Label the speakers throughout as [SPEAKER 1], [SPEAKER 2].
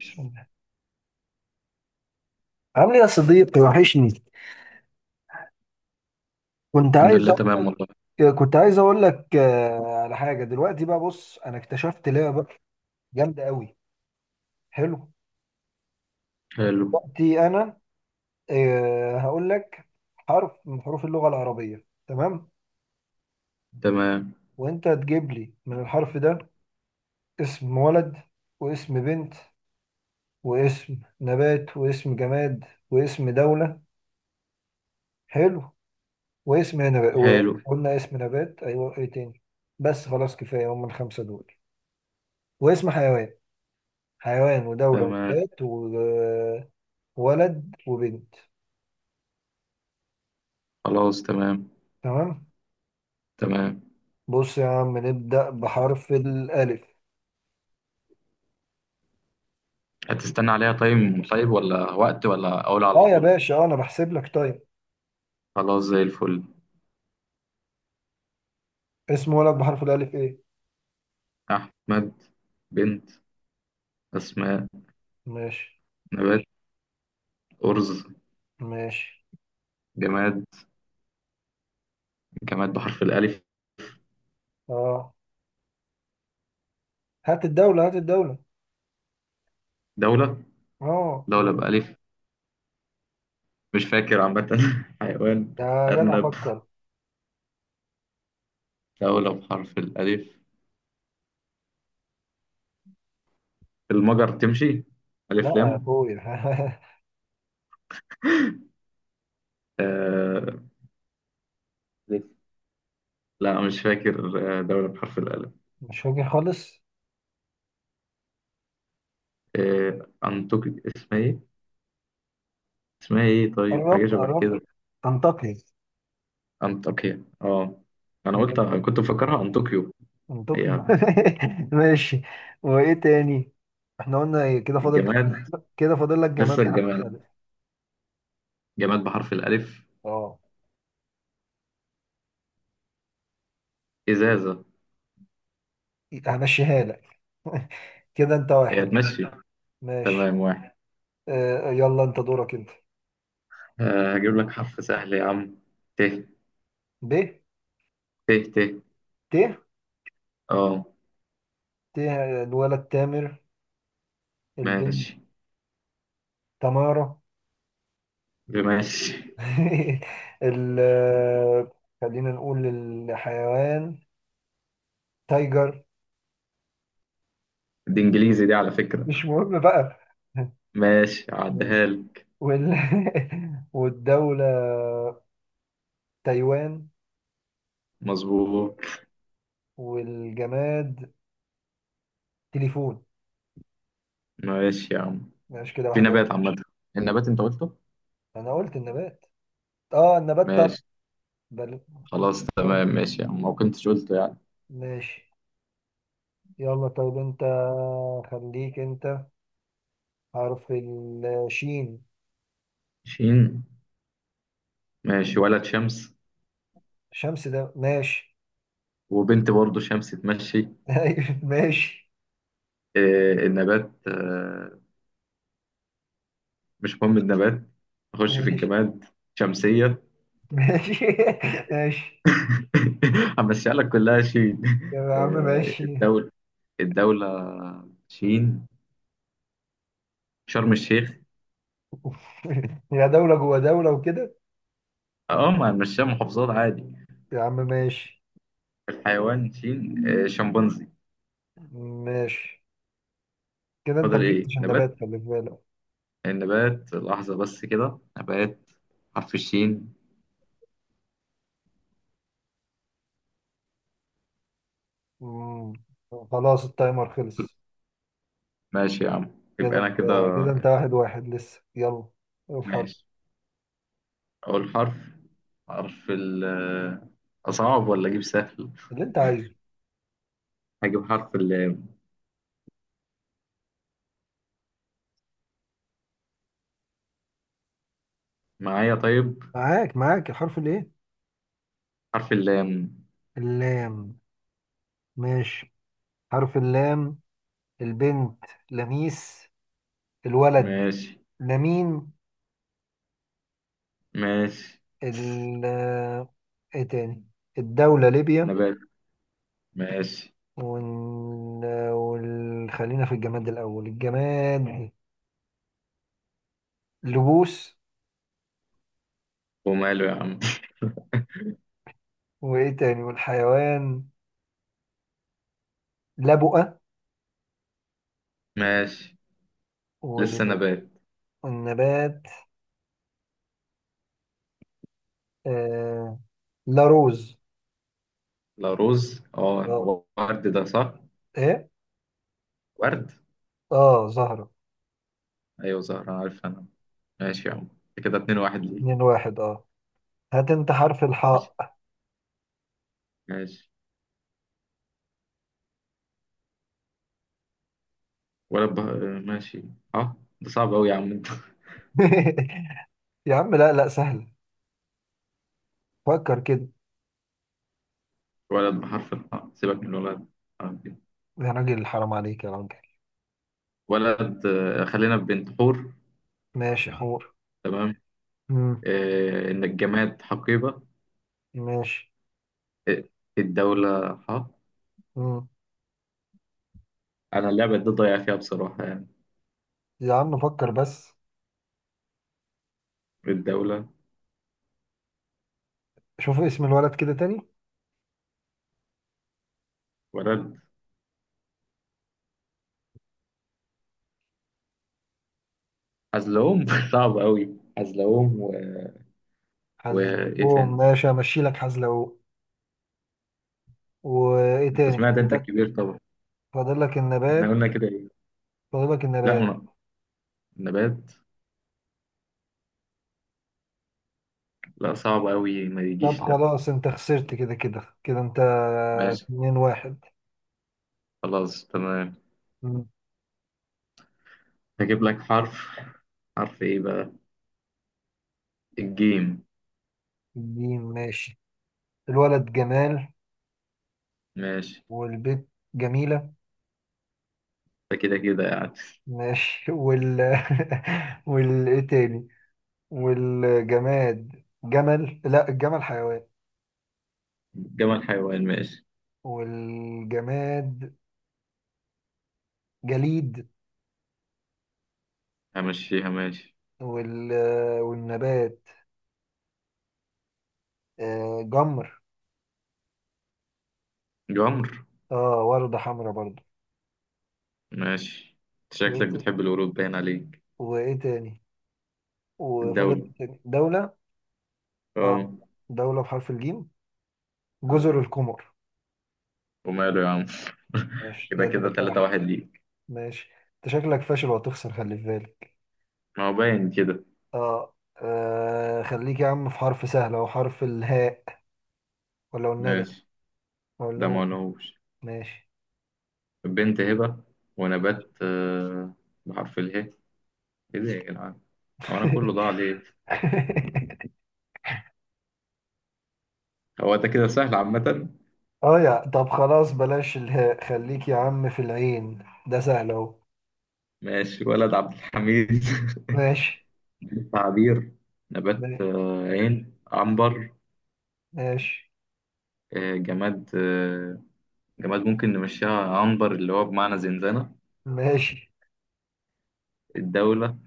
[SPEAKER 1] عامل ايه يا صديقي وحشني. كنت
[SPEAKER 2] الحمد
[SPEAKER 1] عايز
[SPEAKER 2] لله،
[SPEAKER 1] اقول
[SPEAKER 2] تمام والله.
[SPEAKER 1] لك كنت عايز اقول لك على حاجه دلوقتي، بقى بص، انا اكتشفت لعبه جامده قوي. حلو،
[SPEAKER 2] حلو.
[SPEAKER 1] دلوقتي انا هقول لك حرف من حروف اللغه العربيه، تمام،
[SPEAKER 2] تمام.
[SPEAKER 1] وانت تجيب لي من الحرف ده اسم ولد، واسم بنت، واسم نبات، واسم جماد، واسم دوله. حلو، واسم نبات،
[SPEAKER 2] حلو.
[SPEAKER 1] وقلنا اسم نبات، ايوه ايه تاني؟ بس خلاص كفايه هم الخمسه دول، واسم حيوان. حيوان ودولة
[SPEAKER 2] تمام.
[SPEAKER 1] ونبات وولد وبنت.
[SPEAKER 2] خلاص، تمام.
[SPEAKER 1] تمام.
[SPEAKER 2] تمام.
[SPEAKER 1] بص يا عم، نبدأ بحرف الألف.
[SPEAKER 2] هتستنى عليها تايم طيب، ولا وقت، ولا أقول على
[SPEAKER 1] اه يا
[SPEAKER 2] طول؟
[SPEAKER 1] باشا، اه انا بحسب لك، طيب.
[SPEAKER 2] خلاص، زي الفل.
[SPEAKER 1] اسم ولد بحرف الألف ايه؟
[SPEAKER 2] أحمد. بنت أسماء.
[SPEAKER 1] ماشي.
[SPEAKER 2] نبات أرز.
[SPEAKER 1] ماشي.
[SPEAKER 2] جماد، جماد بحرف الألف.
[SPEAKER 1] اه، هات الدولة هات الدولة.
[SPEAKER 2] دولة،
[SPEAKER 1] اه،
[SPEAKER 2] دولة بألف. مش فاكر عامة. حيوان
[SPEAKER 1] يا جدع
[SPEAKER 2] أرنب.
[SPEAKER 1] فكر.
[SPEAKER 2] دولة بحرف الألف، المجر تمشي؟
[SPEAKER 1] لا
[SPEAKER 2] ألف
[SPEAKER 1] يا
[SPEAKER 2] لام.
[SPEAKER 1] اخويا.
[SPEAKER 2] آه... لا، مش فاكر. دولة بحرف الألف.
[SPEAKER 1] مش فاكر خالص.
[SPEAKER 2] أنطوكيا، اسمها إيه؟ اسمها إيه طيب؟ حاجة
[SPEAKER 1] قربت
[SPEAKER 2] شبه
[SPEAKER 1] قربت،
[SPEAKER 2] كده.
[SPEAKER 1] انطقي.
[SPEAKER 2] أنطاكيا، أه. أنا قلت، كنت مفكرها أنطوكيو.
[SPEAKER 1] من
[SPEAKER 2] هي.
[SPEAKER 1] طوكيو. ماشي. وايه تاني؟ احنا قلنا ايه كده فاضل؟
[SPEAKER 2] الجماد،
[SPEAKER 1] كده فاضل لك جماد
[SPEAKER 2] لسه
[SPEAKER 1] بحرف
[SPEAKER 2] الجماد.
[SPEAKER 1] الف.
[SPEAKER 2] جماد بحرف الألف.
[SPEAKER 1] اه،
[SPEAKER 2] إزازة.
[SPEAKER 1] همشيها لك. كده انت
[SPEAKER 2] هي
[SPEAKER 1] واحد.
[SPEAKER 2] تمشي.
[SPEAKER 1] ماشي.
[SPEAKER 2] تمام، واحد.
[SPEAKER 1] يلا انت دورك انت.
[SPEAKER 2] هجيب لك حرف سهل يا عم. ت.
[SPEAKER 1] ب.
[SPEAKER 2] ت ت.
[SPEAKER 1] ت.
[SPEAKER 2] أه.
[SPEAKER 1] ت. الولد تامر، البنت
[SPEAKER 2] ماشي،
[SPEAKER 1] تمارة.
[SPEAKER 2] ماشي.
[SPEAKER 1] ال خلينا نقول الحيوان. تايجر.
[SPEAKER 2] دي إنجليزي دي، على فكرة.
[SPEAKER 1] مش مهم بقى.
[SPEAKER 2] ماشي، عديها
[SPEAKER 1] ماشي.
[SPEAKER 2] لك.
[SPEAKER 1] وال... والدولة تايوان،
[SPEAKER 2] مظبوط.
[SPEAKER 1] والجماد تليفون.
[SPEAKER 2] ماشي يا عم.
[SPEAKER 1] ماشي كده،
[SPEAKER 2] في
[SPEAKER 1] واحد واحد.
[SPEAKER 2] نبات عامة. النبات أنت قلته؟
[SPEAKER 1] انا قلت النبات. اه النبات، طب
[SPEAKER 2] ماشي.
[SPEAKER 1] بل...
[SPEAKER 2] خلاص، تمام، ماشي يا عم، ما كنتش قلته يعني.
[SPEAKER 1] ماشي. يلا طيب، انت خليك انت. حرف الشين.
[SPEAKER 2] شين. ماشي، ولد شمس.
[SPEAKER 1] شمس ده ماشي.
[SPEAKER 2] وبنت برضه شمس تمشي.
[SPEAKER 1] أيوة، ماشي.
[SPEAKER 2] النبات، مش مهم النبات. نخش في
[SPEAKER 1] ماشي.
[SPEAKER 2] الجماد. شمسية.
[SPEAKER 1] ماشي. ماشي
[SPEAKER 2] همشيها لك كلها شين.
[SPEAKER 1] يا عم. ماشي.
[SPEAKER 2] الدولة. الدولة، شين، شرم الشيخ.
[SPEAKER 1] يا دولة جوا دولة وكده.
[SPEAKER 2] اه، ما هنمشيها محافظات عادي.
[SPEAKER 1] يا عم ماشي.
[SPEAKER 2] الحيوان شين، شمبانزي.
[SPEAKER 1] ماشي. كده انت ما
[SPEAKER 2] فاضل ايه
[SPEAKER 1] جبتش
[SPEAKER 2] نبات؟
[SPEAKER 1] النبات، خلي بالك.
[SPEAKER 2] النبات لحظة بس، كده نبات حرف الشين.
[SPEAKER 1] مم. خلاص التايمر خلص.
[SPEAKER 2] ماشي يا عم.
[SPEAKER 1] كده
[SPEAKER 2] يبقى انا
[SPEAKER 1] انت،
[SPEAKER 2] كده.
[SPEAKER 1] كده انت واحد واحد لسه. يلا الحرف
[SPEAKER 2] ماشي. أقول حرف. حرف ال أصعب ولا أجيب سهل؟
[SPEAKER 1] اللي انت عايزه.
[SPEAKER 2] هجيب حرف اللام. معايا طيب.
[SPEAKER 1] معاك معاك، الحرف الايه؟
[SPEAKER 2] حرف اللام.
[SPEAKER 1] اللام. ماشي، حرف اللام. البنت لميس، الولد
[SPEAKER 2] ماشي.
[SPEAKER 1] لمين.
[SPEAKER 2] ماشي.
[SPEAKER 1] ال ايه تاني؟ الدولة ليبيا.
[SPEAKER 2] نبات. ماشي.
[SPEAKER 1] وال... خلينا في الجماد الأول، الجماد لبوس.
[SPEAKER 2] وماله يا عم.
[SPEAKER 1] وإيه تاني؟ والحيوان لبؤة.
[SPEAKER 2] ماشي.
[SPEAKER 1] وال...
[SPEAKER 2] لسه نبات.
[SPEAKER 1] والنبات آه... لاروز.
[SPEAKER 2] لا، رز، اه
[SPEAKER 1] اه
[SPEAKER 2] هو ورد، ده صح.
[SPEAKER 1] ايه؟
[SPEAKER 2] ورد.
[SPEAKER 1] اه زهرة.
[SPEAKER 2] ايوه، زهرة، عارف انا. ماشي يا عم. كده اتنين واحد ليه.
[SPEAKER 1] اتنين واحد، اه. هات انت حرف
[SPEAKER 2] ماشي.
[SPEAKER 1] الحاء.
[SPEAKER 2] ماشي. ولد بح... ماشي. اه، ده صعب أوي يا عم انت.
[SPEAKER 1] يا عم لا لا، سهل، فكر كده.
[SPEAKER 2] ولد بحرف الحاء، سيبك من الولد. حرف إيه.
[SPEAKER 1] يا راجل، حرام عليك يا راجل.
[SPEAKER 2] ولد، خلينا في بنت، حور.
[SPEAKER 1] ماشي، حور.
[SPEAKER 2] تمام.
[SPEAKER 1] مم.
[SPEAKER 2] إن الجماد حقيبة.
[SPEAKER 1] ماشي.
[SPEAKER 2] آه، الدولة حق.
[SPEAKER 1] مم.
[SPEAKER 2] أنا اللعبة دي ضايع فيها بصراحة يعني.
[SPEAKER 1] يا عم فكر بس.
[SPEAKER 2] الدولة.
[SPEAKER 1] شوف اسم الولد كده تاني.
[SPEAKER 2] ولد حزلقوم. صعب أوي، حزلقوم وإيه
[SPEAKER 1] حزلقوم،
[SPEAKER 2] تاني؟
[SPEAKER 1] ماشي، همشي لك حزلقوم. وايه
[SPEAKER 2] أنت
[SPEAKER 1] تاني
[SPEAKER 2] سمعت،
[SPEAKER 1] فاضل
[SPEAKER 2] أنت
[SPEAKER 1] لك؟
[SPEAKER 2] الكبير طبعا.
[SPEAKER 1] فاضل لك
[SPEAKER 2] إحنا
[SPEAKER 1] النبات.
[SPEAKER 2] قلنا كده إيه؟
[SPEAKER 1] فاضل لك
[SPEAKER 2] لا
[SPEAKER 1] النبات.
[SPEAKER 2] من... نبات، لا صعب أوي ما
[SPEAKER 1] طب
[SPEAKER 2] يجيش ده.
[SPEAKER 1] خلاص انت خسرت، كده كده كده انت.
[SPEAKER 2] ماشي.
[SPEAKER 1] اتنين واحد.
[SPEAKER 2] خلاص تمام.
[SPEAKER 1] مم.
[SPEAKER 2] هجيب لك حرف. حرف إيه بقى؟ الجيم.
[SPEAKER 1] جيم، ماشي. الولد جمال،
[SPEAKER 2] ماشي.
[SPEAKER 1] والبيت جميلة.
[SPEAKER 2] ده كده كده يعني.
[SPEAKER 1] ماشي. وال ايه تاني؟ والجماد جمل، لا الجمل حيوان.
[SPEAKER 2] جمال حيوان، ماشي.
[SPEAKER 1] والجماد جليد.
[SPEAKER 2] همشيها ماشي.
[SPEAKER 1] وال والنبات جمر.
[SPEAKER 2] جمر.
[SPEAKER 1] اه وردة حمراء برضو.
[SPEAKER 2] ماشي.
[SPEAKER 1] وايه
[SPEAKER 2] شكلك
[SPEAKER 1] تاني؟
[SPEAKER 2] بتحب القرود، باين عليك.
[SPEAKER 1] وايه تاني؟ وفضل
[SPEAKER 2] الدولة.
[SPEAKER 1] إيه تاني؟ دولة، اه.
[SPEAKER 2] اه.
[SPEAKER 1] دولة بحرف الجيم،
[SPEAKER 2] اه،
[SPEAKER 1] جزر القمر.
[SPEAKER 2] وماله يا عم.
[SPEAKER 1] ماشي
[SPEAKER 2] يبقى
[SPEAKER 1] كده،
[SPEAKER 2] كده
[SPEAKER 1] تلاتة
[SPEAKER 2] تلاتة
[SPEAKER 1] واحد.
[SPEAKER 2] واحد ليك.
[SPEAKER 1] ماشي. انت شكلك فاشل وهتخسر، خلي في بالك.
[SPEAKER 2] ما هو باين كده.
[SPEAKER 1] اه، خليك يا عم في حرف سهل، او حرف الهاء، ولا والندى،
[SPEAKER 2] ماشي.
[SPEAKER 1] ولا
[SPEAKER 2] ده ما
[SPEAKER 1] هو كده.
[SPEAKER 2] قلناهوش.
[SPEAKER 1] ماشي.
[SPEAKER 2] بنت هبة. ونبات، بحرف اله ايه ده يا جدعان؟ هو انا كله ضاع ليه؟ هو ده كده سهل عامة.
[SPEAKER 1] اه يا طب خلاص بلاش الهاء، خليك يا عم في العين، ده سهل اهو.
[SPEAKER 2] ماشي، ولد عبد الحميد.
[SPEAKER 1] ماشي.
[SPEAKER 2] بنت عبير. نبات،
[SPEAKER 1] ماشي.
[SPEAKER 2] عين، عنبر.
[SPEAKER 1] ماشي.
[SPEAKER 2] جماد، جماد ممكن نمشيها عنبر، اللي هو بمعنى زنزانة.
[SPEAKER 1] ماشي.
[SPEAKER 2] الدولة.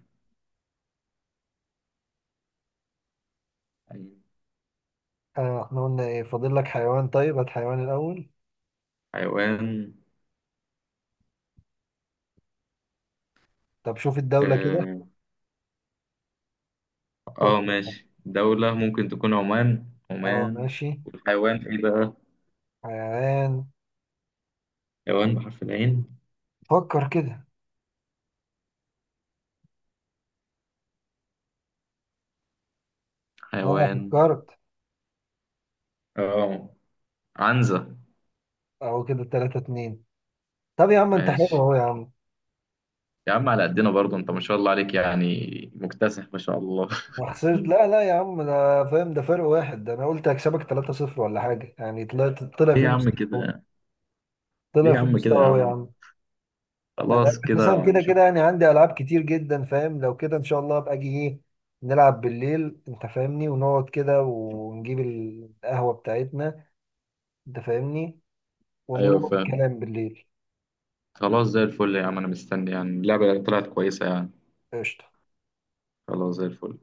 [SPEAKER 1] آه احنا قلنا ايه فاضل لك؟ حيوان، طيب هات حيوان الاول.
[SPEAKER 2] حيوان.
[SPEAKER 1] طب شوف الدولة كده،
[SPEAKER 2] اه.
[SPEAKER 1] فكر.
[SPEAKER 2] ماشي، دولة ممكن تكون عمان.
[SPEAKER 1] اه
[SPEAKER 2] عمان.
[SPEAKER 1] ماشي.
[SPEAKER 2] والحيوان ايه بقى؟
[SPEAKER 1] حيوان،
[SPEAKER 2] حيوان بحرف العين.
[SPEAKER 1] فكر كده. اه
[SPEAKER 2] حيوان.
[SPEAKER 1] فكرت،
[SPEAKER 2] اه. عنزة.
[SPEAKER 1] اهو كده تلاتة اتنين. طب يا عم انت حلو
[SPEAKER 2] ماشي
[SPEAKER 1] اهو يا عم.
[SPEAKER 2] يا عم، على قدنا برضه انت، ما شاء الله عليك يعني. مكتسح، ما شاء الله.
[SPEAKER 1] وخسرت، لا لا يا عم، ده فاهم، ده فرق واحد، ده انا قلت هكسبك 3-0 ولا حاجه، يعني طلعت، طلع
[SPEAKER 2] ليه
[SPEAKER 1] في
[SPEAKER 2] يا عم
[SPEAKER 1] مستوى.
[SPEAKER 2] كده؟ ليه
[SPEAKER 1] طلع
[SPEAKER 2] يا
[SPEAKER 1] في
[SPEAKER 2] عم كده يا
[SPEAKER 1] مستوى يا
[SPEAKER 2] عم؟
[SPEAKER 1] عم. انا
[SPEAKER 2] خلاص
[SPEAKER 1] مثلا
[SPEAKER 2] كده
[SPEAKER 1] كده
[SPEAKER 2] هنشوف.
[SPEAKER 1] كده، يعني عندي العاب كتير جدا فاهم، لو كده ان شاء الله ابقى اجي ايه نلعب بالليل، انت فاهمني، ونقعد كده ونجيب القهوه بتاعتنا، انت فاهمني،
[SPEAKER 2] ايوه،
[SPEAKER 1] ونروح
[SPEAKER 2] فاهم.
[SPEAKER 1] الكلام بالليل.
[SPEAKER 2] خلاص، زي الفل يا عم، انا مستني، يعني اللعبة طلعت كويسة يعني.
[SPEAKER 1] قشطه.
[SPEAKER 2] خلاص، زي الفل.